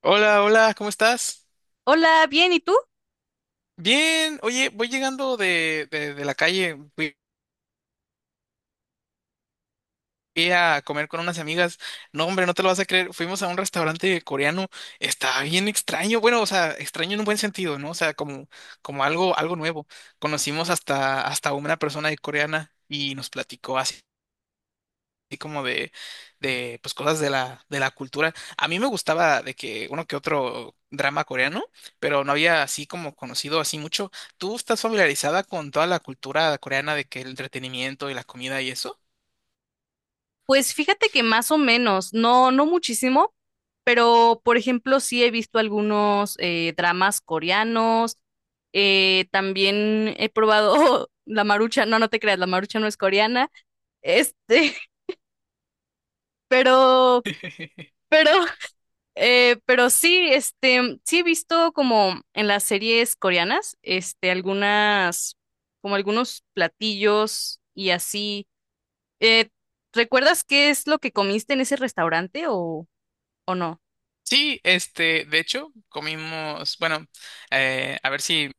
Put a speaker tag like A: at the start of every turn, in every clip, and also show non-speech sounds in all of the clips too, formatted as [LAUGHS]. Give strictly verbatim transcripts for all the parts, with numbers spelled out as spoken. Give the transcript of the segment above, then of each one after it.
A: Hola, hola, ¿cómo estás?
B: Hola, bien, ¿y tú?
A: Bien, oye, voy llegando de, de, de la calle, fui fui a comer con unas amigas. No, hombre, no te lo vas a creer, fuimos a un restaurante coreano, está bien extraño, bueno, o sea, extraño en un buen sentido, ¿no? O sea, como, como algo, algo nuevo. Conocimos hasta, hasta una persona de coreana y nos platicó así así como de, de pues cosas de la, de la cultura. A mí me gustaba de que uno que otro drama coreano, pero no había así como conocido así mucho. ¿Tú estás familiarizada con toda la cultura coreana de que el entretenimiento y la comida y eso?
B: Pues fíjate que más o menos, no, no muchísimo, pero por ejemplo sí he visto algunos eh, dramas coreanos, eh, también he probado [LAUGHS] la marucha, no, no te creas, la marucha no es coreana, este, [LAUGHS] pero,
A: [LAUGHS]
B: pero, eh, pero sí, este, sí he visto como en las series coreanas, este, algunas, como algunos platillos y así. Eh, ¿Recuerdas qué es lo que comiste en ese restaurante o, o no?
A: Sí, este, de hecho, comimos, bueno, eh, a ver si,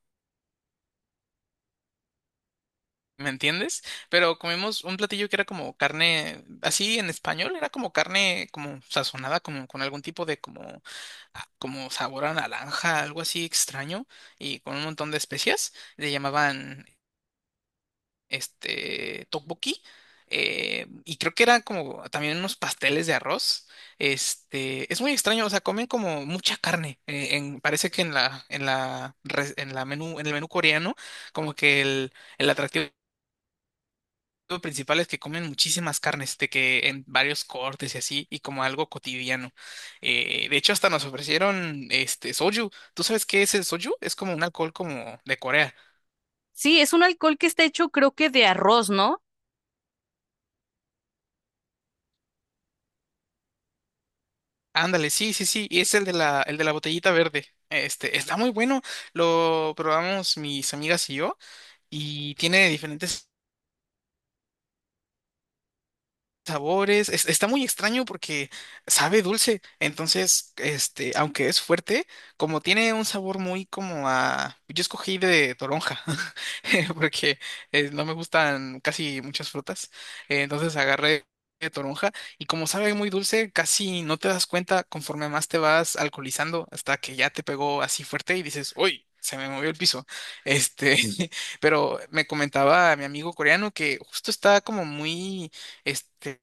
A: ¿me entiendes? Pero comimos un platillo que era como carne, así en español, era como carne como sazonada, como con algún tipo de como, ah, como sabor a naranja, algo así extraño, y con un montón de especias. Le llamaban este tteokbokki. eh, y creo que era como también unos pasteles de arroz. Este, es muy extraño, o sea, comen como mucha carne. Eh, en- parece que en la, en la, res- en la menú, en el menú coreano, como que el el atractivo lo principal es que comen muchísimas carnes, de que en varios cortes y así, y como algo cotidiano. Eh, de hecho, hasta nos ofrecieron este soju. ¿Tú sabes qué es el soju? Es como un alcohol como de Corea.
B: Sí, es un alcohol que está hecho creo que de arroz, ¿no?
A: Ándale, sí, sí, sí. Y es el de la, el de la botellita verde. Este, está muy bueno. Lo probamos mis amigas y yo, y tiene diferentes sabores. Es- está muy extraño porque sabe dulce. Entonces, este, aunque es fuerte, como tiene un sabor muy como a... Yo escogí de toronja [LAUGHS] porque eh, no me gustan casi muchas frutas. Eh, entonces agarré de toronja y como sabe muy dulce, casi no te das cuenta conforme más te vas alcoholizando hasta que ya te pegó así fuerte y dices, ¡Uy! Se me movió el piso. Este, [LAUGHS] pero me comentaba mi amigo coreano que justo está como muy, este,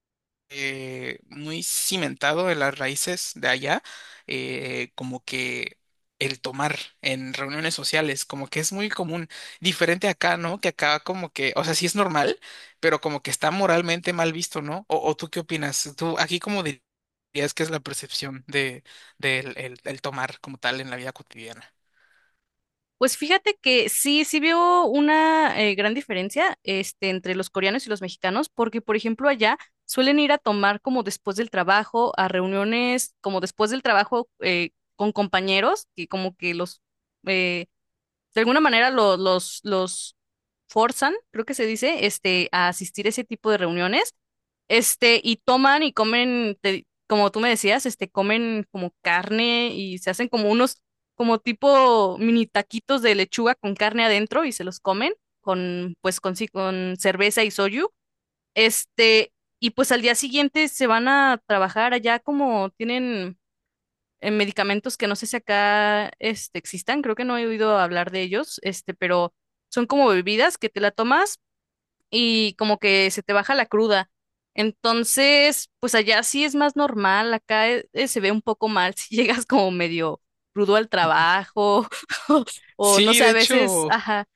A: eh, muy cimentado en las raíces de allá, eh, como que el tomar en reuniones sociales, como que es muy común, diferente acá, ¿no? Que acá como que, o sea, sí es normal, pero como que está moralmente mal visto, ¿no? ¿O, o tú qué opinas? ¿Tú aquí cómo dirías que es la percepción de, del el el tomar como tal en la vida cotidiana?
B: Pues fíjate que sí, sí veo una eh, gran diferencia este, entre los coreanos y los mexicanos, porque por ejemplo allá suelen ir a tomar como después del trabajo, a reuniones como después del trabajo eh, con compañeros, que como que los, eh, de alguna manera lo- los, los forzan, creo que se dice, este, a asistir a ese tipo de reuniones. Este, y toman y comen, te- como tú me decías, este, comen como carne y se hacen como unos, como tipo mini taquitos de lechuga con carne adentro y se los comen con, pues, con, ci- con cerveza y soju. Este, y pues al día siguiente se van a trabajar allá como tienen eh, medicamentos que no sé si acá, este, existan, creo que no he oído hablar de ellos, este, pero son como bebidas que te la tomas y como que se te baja la cruda. Entonces, pues allá sí es más normal, acá eh, eh, se ve un poco mal [LAUGHS] si llegas como medio crudo al trabajo [LAUGHS] o o no
A: Sí,
B: sé,
A: de
B: a veces,
A: hecho,
B: ajá.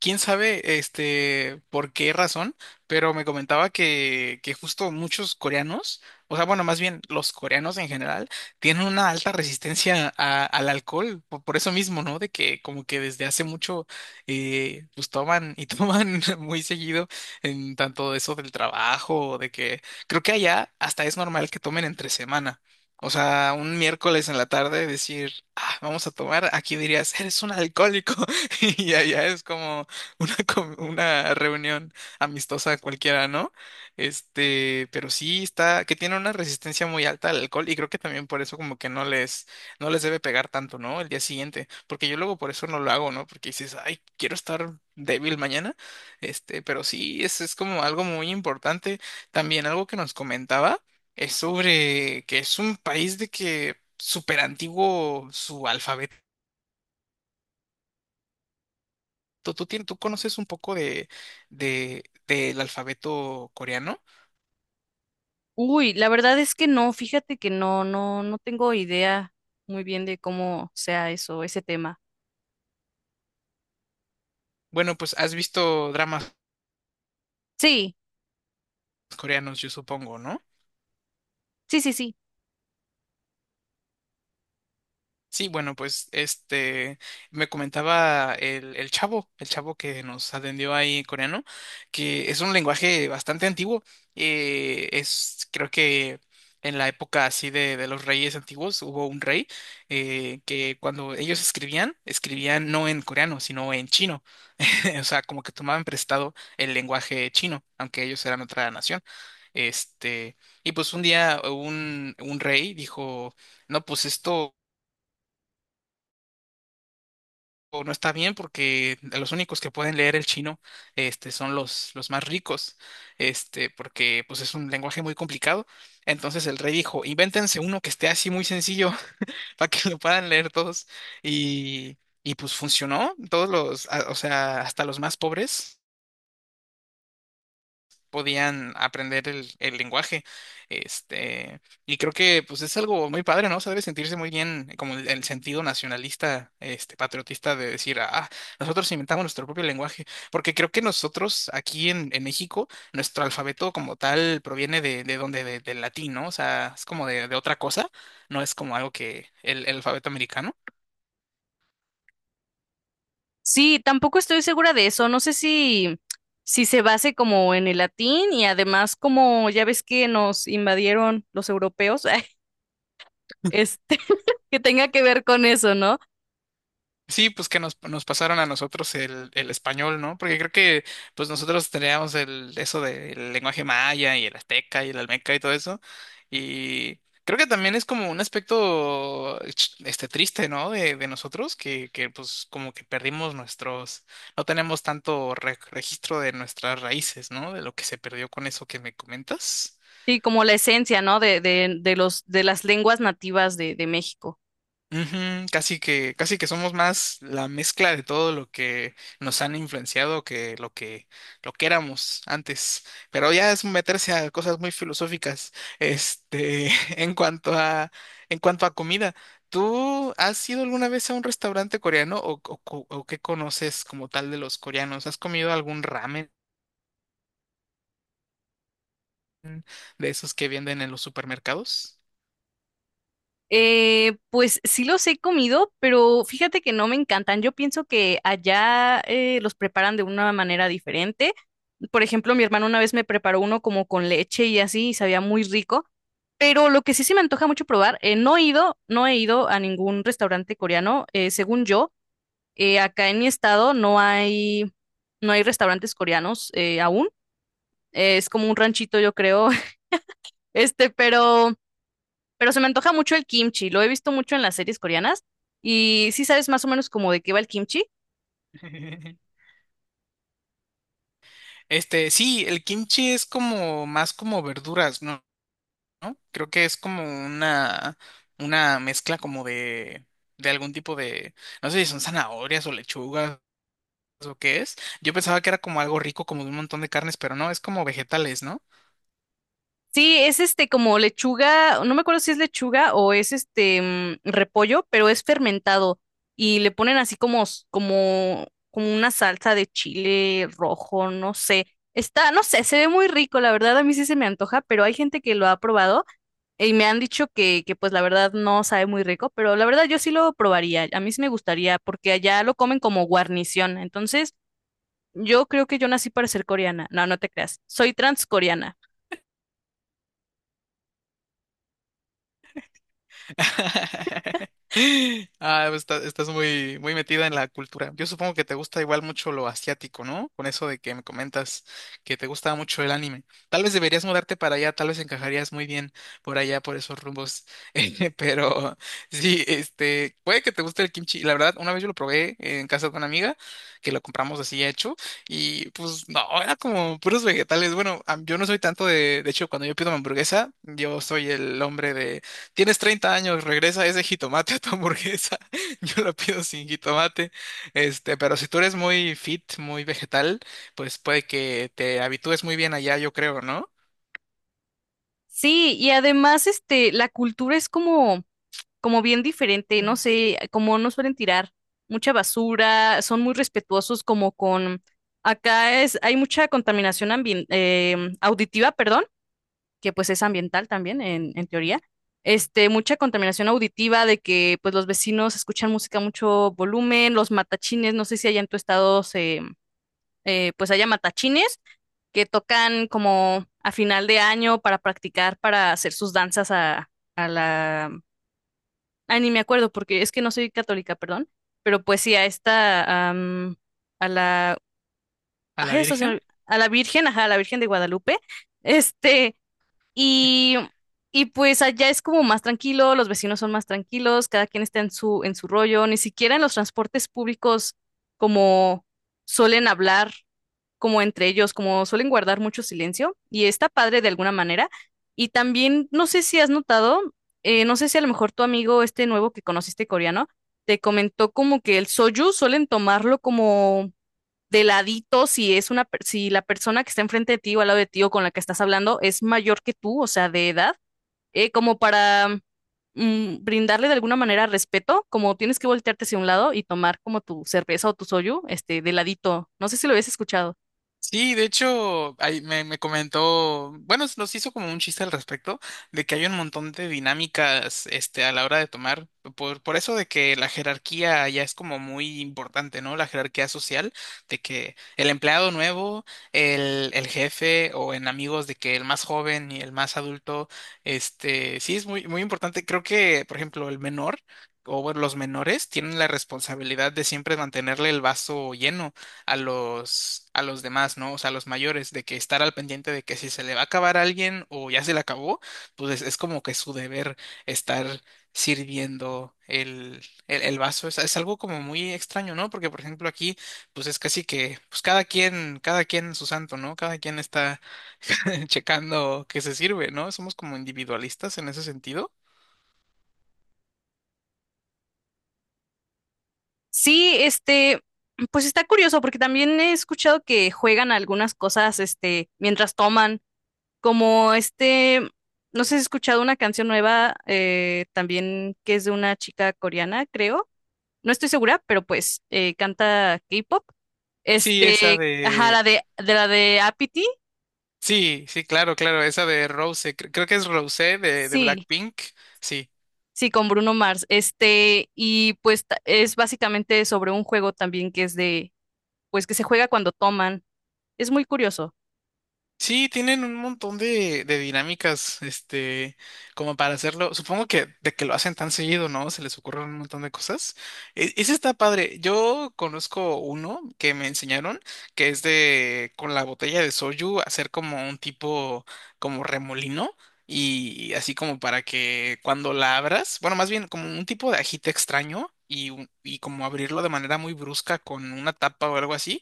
A: quién sabe este por qué razón, pero me comentaba que, que justo... muchos coreanos, o sea, bueno, más bien los coreanos en general, tienen una alta resistencia a- al alcohol, por, por eso mismo, ¿no? De que como que desde hace mucho eh, pues toman y [LAUGHS] toman muy seguido en tanto eso del trabajo, de que creo que allá hasta es normal que tomen entre semana. O sea, un miércoles en la tarde decir, ah, vamos a tomar, aquí dirías, eres un alcohólico. [LAUGHS] Y allá es como, [LAUGHS] una, com- una reunión amistosa cualquiera, ¿no? Este, pero sí está, que tiene una resistencia muy alta al alcohol y creo que también por eso como que no les, no les debe pegar tanto, ¿no? El día siguiente, porque yo luego por eso no lo hago, ¿no? Porque dices, ay, quiero estar débil mañana, este, pero sí, es, es como algo muy importante. También algo que nos comentaba es sobre que es un país de que súper antiguo su alfabeto ¿Tú, tú, tien- tú conoces un poco de, de, del alfabeto coreano?
B: Uy, la verdad es que no, fíjate que no, no, no tengo idea muy bien de cómo sea eso, ese tema.
A: Bueno, pues has visto dramas
B: Sí,
A: coreanos, yo supongo, ¿no?
B: sí, sí, sí.
A: Sí, bueno, pues este me comentaba el, el chavo, el chavo que nos atendió ahí en coreano, que es un lenguaje bastante antiguo. Eh, es, creo que en la época así de, de los reyes antiguos hubo un rey eh, que cuando ellos escribían, escribían no en coreano, sino en chino. [LAUGHS] O sea, como que tomaban prestado el lenguaje chino, aunque ellos eran otra nación. Este, y pues un día un, un rey dijo, no, pues esto. O no está bien porque los únicos que pueden leer el chino este, son los, los más ricos, este, porque pues es un lenguaje muy complicado. Entonces el rey dijo, invéntense uno que esté así muy sencillo [LAUGHS] para que lo puedan leer todos. Y, y pues funcionó, todos los, a- o sea, hasta los más pobres podían aprender el, el lenguaje. Este, y creo que pues es algo muy padre, ¿no? O sea, debe sentirse muy bien eh, como el, el sentido nacionalista, este, patriotista de decir, ah, nosotros inventamos nuestro propio lenguaje, porque creo que nosotros aquí en, en México, nuestro alfabeto como tal proviene de, de donde, de- del latín, ¿no? O sea, es como de, de otra cosa, no es como algo que el, el alfabeto americano.
B: Sí, tampoco estoy segura de eso. No sé si, si se base como en el latín y además como ya ves que nos invadieron los europeos. [LAUGHS] este, [LAUGHS] que tenga que ver con eso, ¿no?
A: Sí, pues que nos, nos pasaron a nosotros el, el español, ¿no? Porque creo que pues nosotros teníamos el, eso del lenguaje maya y el azteca y el almeca y todo eso. Y creo que también es como un aspecto ch- este triste, ¿no? De, de nosotros, que, que pues como que perdimos nuestros, no tenemos tanto re- registro de nuestras raíces, ¿no? De lo que se perdió con eso que me comentas.
B: Sí, como la esencia, ¿no? De, de, de los, de las lenguas nativas de, de México.
A: Ujú, casi que, casi que somos más la mezcla de todo lo que nos han influenciado que lo que, lo que éramos antes. Pero ya es meterse a cosas muy filosóficas. Este, [LAUGHS] en cuanto a, en cuanto a comida, ¿tú has ido alguna vez a un restaurante coreano o, o, co- o qué conoces como tal de los coreanos? ¿Has comido algún ramen de esos que venden en los supermercados?
B: Eh, pues sí los he comido, pero fíjate que no me encantan. Yo pienso que allá eh, los preparan de una manera diferente. Por ejemplo, mi hermano una vez me preparó uno como con leche y así, y sabía muy rico. Pero lo que sí se me antoja mucho probar, eh, no he ido, no he ido a ningún restaurante coreano, eh, según yo. Eh, acá en mi estado no hay, no hay restaurantes coreanos eh, aún. Eh, es como un ranchito, yo creo. [LAUGHS] Este, pero, pero se me antoja mucho el kimchi. Lo he visto mucho en las series coreanas. Y sí sabes más o menos como de qué va el kimchi.
A: [LAUGHS] Este, sí, el kimchi es como más como verduras, ¿no? ¿no? Creo que es como una, una mezcla como de, de algún tipo de, no sé si son zanahorias o lechugas o qué es. Yo pensaba que era como algo rico, como de un montón de carnes, pero no, es como vegetales, ¿no?
B: Sí, es este como lechuga, no me acuerdo si es lechuga o es este mm, repollo, pero es fermentado y le ponen así como, s- como, como una salsa de chile rojo, no sé. Está, no sé, se ve muy rico, la verdad a mí sí se me antoja, pero hay gente que lo ha probado y me han dicho que, que pues la verdad no sabe muy rico, pero la verdad yo sí lo probaría. A mí sí me gustaría porque allá lo comen como guarnición. Entonces, yo creo que yo nací para ser coreana. No, no te creas. Soy transcoreana.
A: [LAUGHS] Ah, pues, está- estás muy, muy metida en la cultura. Yo supongo que te gusta igual mucho lo asiático, ¿no? Con eso de que me comentas que te gusta mucho el anime. Tal vez deberías mudarte para allá, tal vez encajarías muy bien por allá, por esos rumbos. [LAUGHS] Eh, Pero sí, este, puede que te guste el kimchi. La verdad, una vez yo lo probé en casa de una amiga, que lo compramos así ya hecho, y pues no, era como puros vegetales. Bueno, a- yo no soy tanto de, de hecho, cuando yo pido mi hamburguesa, yo soy el hombre Tienes treinta años, regresa ese jitomate a tu hamburguesa. [LAUGHS] Yo lo pido sin jitomate. Este, pero si tú eres muy fit, muy vegetal, pues puede que te habitúes muy bien allá, yo creo, ¿no?
B: Sí, y además este la cultura es como como bien diferente, no sé, como no suelen tirar mucha basura, son muy respetuosos como con acá es hay mucha contaminación ambien- em, auditiva, perdón. Que pues es ambiental también, en, en teoría. Este, mucha contaminación auditiva de que pues los vecinos escuchan música a mucho volumen, los matachines, no sé si allá en tu estado se, eh, pues haya matachines que tocan como a final de año para practicar, para hacer sus danzas a, a la... Ay, ni me acuerdo porque es que no soy católica, perdón, pero pues sí, a esta, am, a la...
A: A la
B: Ay, hasta se
A: Virgen.
B: me- a la Virgen, ajá, a la Virgen de Guadalupe. Este, y, y pues allá es como más tranquilo, los vecinos son más tranquilos, cada quien está en su, en su rollo, ni siquiera en los transportes públicos como suelen hablar como entre ellos, como suelen guardar mucho silencio y está padre de alguna manera. Y también, no sé si has notado, eh, no sé si a lo mejor tu amigo este nuevo que conociste coreano te comentó como que el soju suelen tomarlo como de ladito si es una, per- si la persona que está enfrente de ti o al lado de ti o con la que estás hablando es mayor que tú, o sea, de edad, eh, como para mm, brindarle de alguna manera respeto, como tienes que voltearte hacia un lado y tomar como tu cerveza o tu soju este, de ladito. No sé si lo habías escuchado.
A: Sí, de hecho, ahí me, me comentó, bueno, nos hizo como un chiste al respecto, de que hay un montón de dinámicas, este, a la hora de tomar, por, por eso de que la jerarquía ya es como muy importante, ¿no? La jerarquía social, de que el empleado nuevo, el, el jefe, o en amigos, de que el más joven y el más adulto, este, sí es muy, muy importante. Creo que, por ejemplo, el menor. O bueno, los menores tienen la responsabilidad de siempre mantenerle el vaso lleno a los, a los demás, ¿no? O sea, a los mayores, de que estar al pendiente de que si se le va a acabar a alguien o ya se le acabó, pues es, es como que su deber estar sirviendo el, el, el vaso. Es, es algo como muy extraño, ¿no? Porque, por ejemplo, aquí, pues es casi que, pues cada quien, cada quien su santo, ¿no? Cada quien está [LAUGHS] checando que se sirve, ¿no? Somos como individualistas en ese sentido.
B: Sí, este, pues está curioso porque también he escuchado que juegan a algunas cosas, este, mientras toman, como este, no sé si has escuchado una canción nueva eh, también que es de una chica coreana, creo. No estoy segura, pero pues eh, canta K-pop.
A: Sí, esa
B: Este, ajá,
A: de...
B: la de, de la de Apathy,
A: Sí, sí, claro, claro, esa de Rose, cre- creo que es Rose de, de
B: sí,
A: Blackpink, sí.
B: sí, con Bruno Mars. Este, y pues ta- es básicamente sobre un juego también que es de, pues que se juega cuando toman. Es muy curioso.
A: Sí, tienen un montón de, de dinámicas, este, como para hacerlo. Supongo que de que lo hacen tan seguido, ¿no? Se les ocurren un montón de cosas. E- ese está padre. Yo conozco uno que me enseñaron, que es de, con la botella de soju, hacer como un tipo, como remolino. Y así como para que cuando la abras, bueno, más bien como un tipo de ajite extraño y, un- y como abrirlo de manera muy brusca con una tapa o algo así,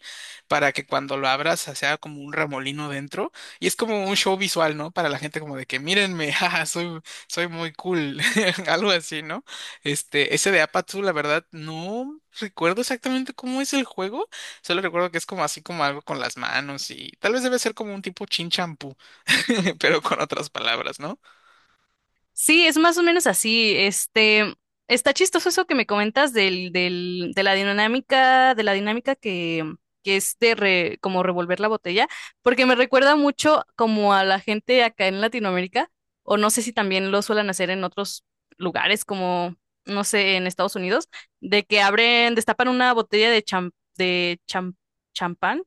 A: para que cuando lo abras sea como un remolino dentro y es como un show visual, ¿no? Para la gente como de que mírenme, [LAUGHS] jaja, soy, soy muy cool, [LAUGHS] algo así, ¿no? Este, ese de Apatsu, la verdad, no recuerdo exactamente cómo es el juego, solo recuerdo que es como así como algo con las manos y tal vez debe ser como un tipo chin champú, [LAUGHS] pero con otras palabras, ¿no?
B: Sí, es más o menos así. Este, está chistoso eso que me comentas del, del, de la dinámica, de la dinámica que, que es de re- como revolver la botella, porque me recuerda mucho como a la gente acá en Latinoamérica, o no sé si también lo suelen hacer en otros lugares, como, no sé, en Estados Unidos, de que abren, destapan una botella de cham- de cham- champán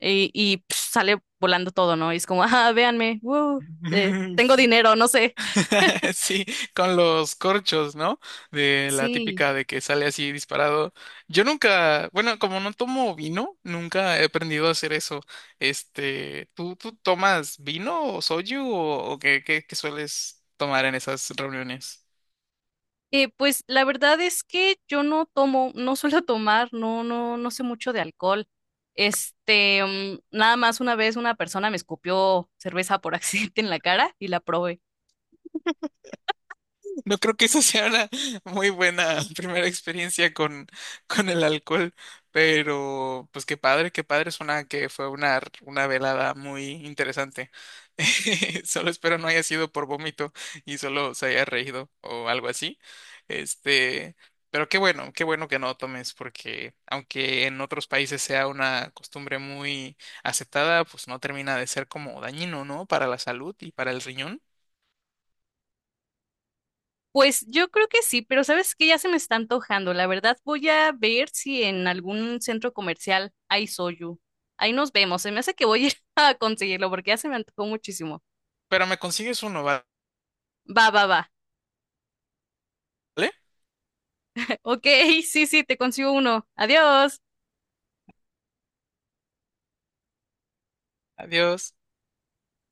B: y, y, pf, sale volando todo, ¿no? Y es como, ah, véanme, woo, eh,
A: [LAUGHS]
B: tengo
A: Sí.
B: dinero, no sé.
A: [LAUGHS] Sí, con los corchos, ¿no? De la
B: Sí,
A: típica de que sale así disparado. Yo nunca, bueno, como no tomo vino, nunca he aprendido a hacer eso. Este, ¿tú, tú tomas vino o soju o, o qué, qué, qué sueles tomar en esas reuniones?
B: eh, pues la verdad es que yo no tomo, no suelo [LAUGHS] tomar, no, no, no sé mucho de alcohol. Este, mm, nada más una vez una persona me escupió cerveza por [LAUGHS] accidente en la cara y la probé.
A: No creo que eso sea una muy buena [LAUGHS] primera experiencia con, con el alcohol, pero pues qué padre, qué padre, suena que fue una, una velada muy interesante. [LAUGHS] Solo espero no haya sido por vómito y solo se haya reído o algo así. Este, pero qué bueno, qué bueno que no tomes, porque aunque en otros países sea una costumbre muy aceptada, pues no termina de ser como dañino, ¿no? Para la salud y para el riñón.
B: Pues yo creo que sí, pero sabes que ya se me está antojando. La verdad voy a ver si en algún centro comercial hay soju. Ahí nos vemos. Se me hace que voy a ir [LAUGHS] a conseguirlo porque ya se me antojó muchísimo.
A: Pero me consigues uno, ¿vale?
B: Va, va, va. [LAUGHS] Ok, sí, sí, te consigo uno. Adiós.
A: Adiós.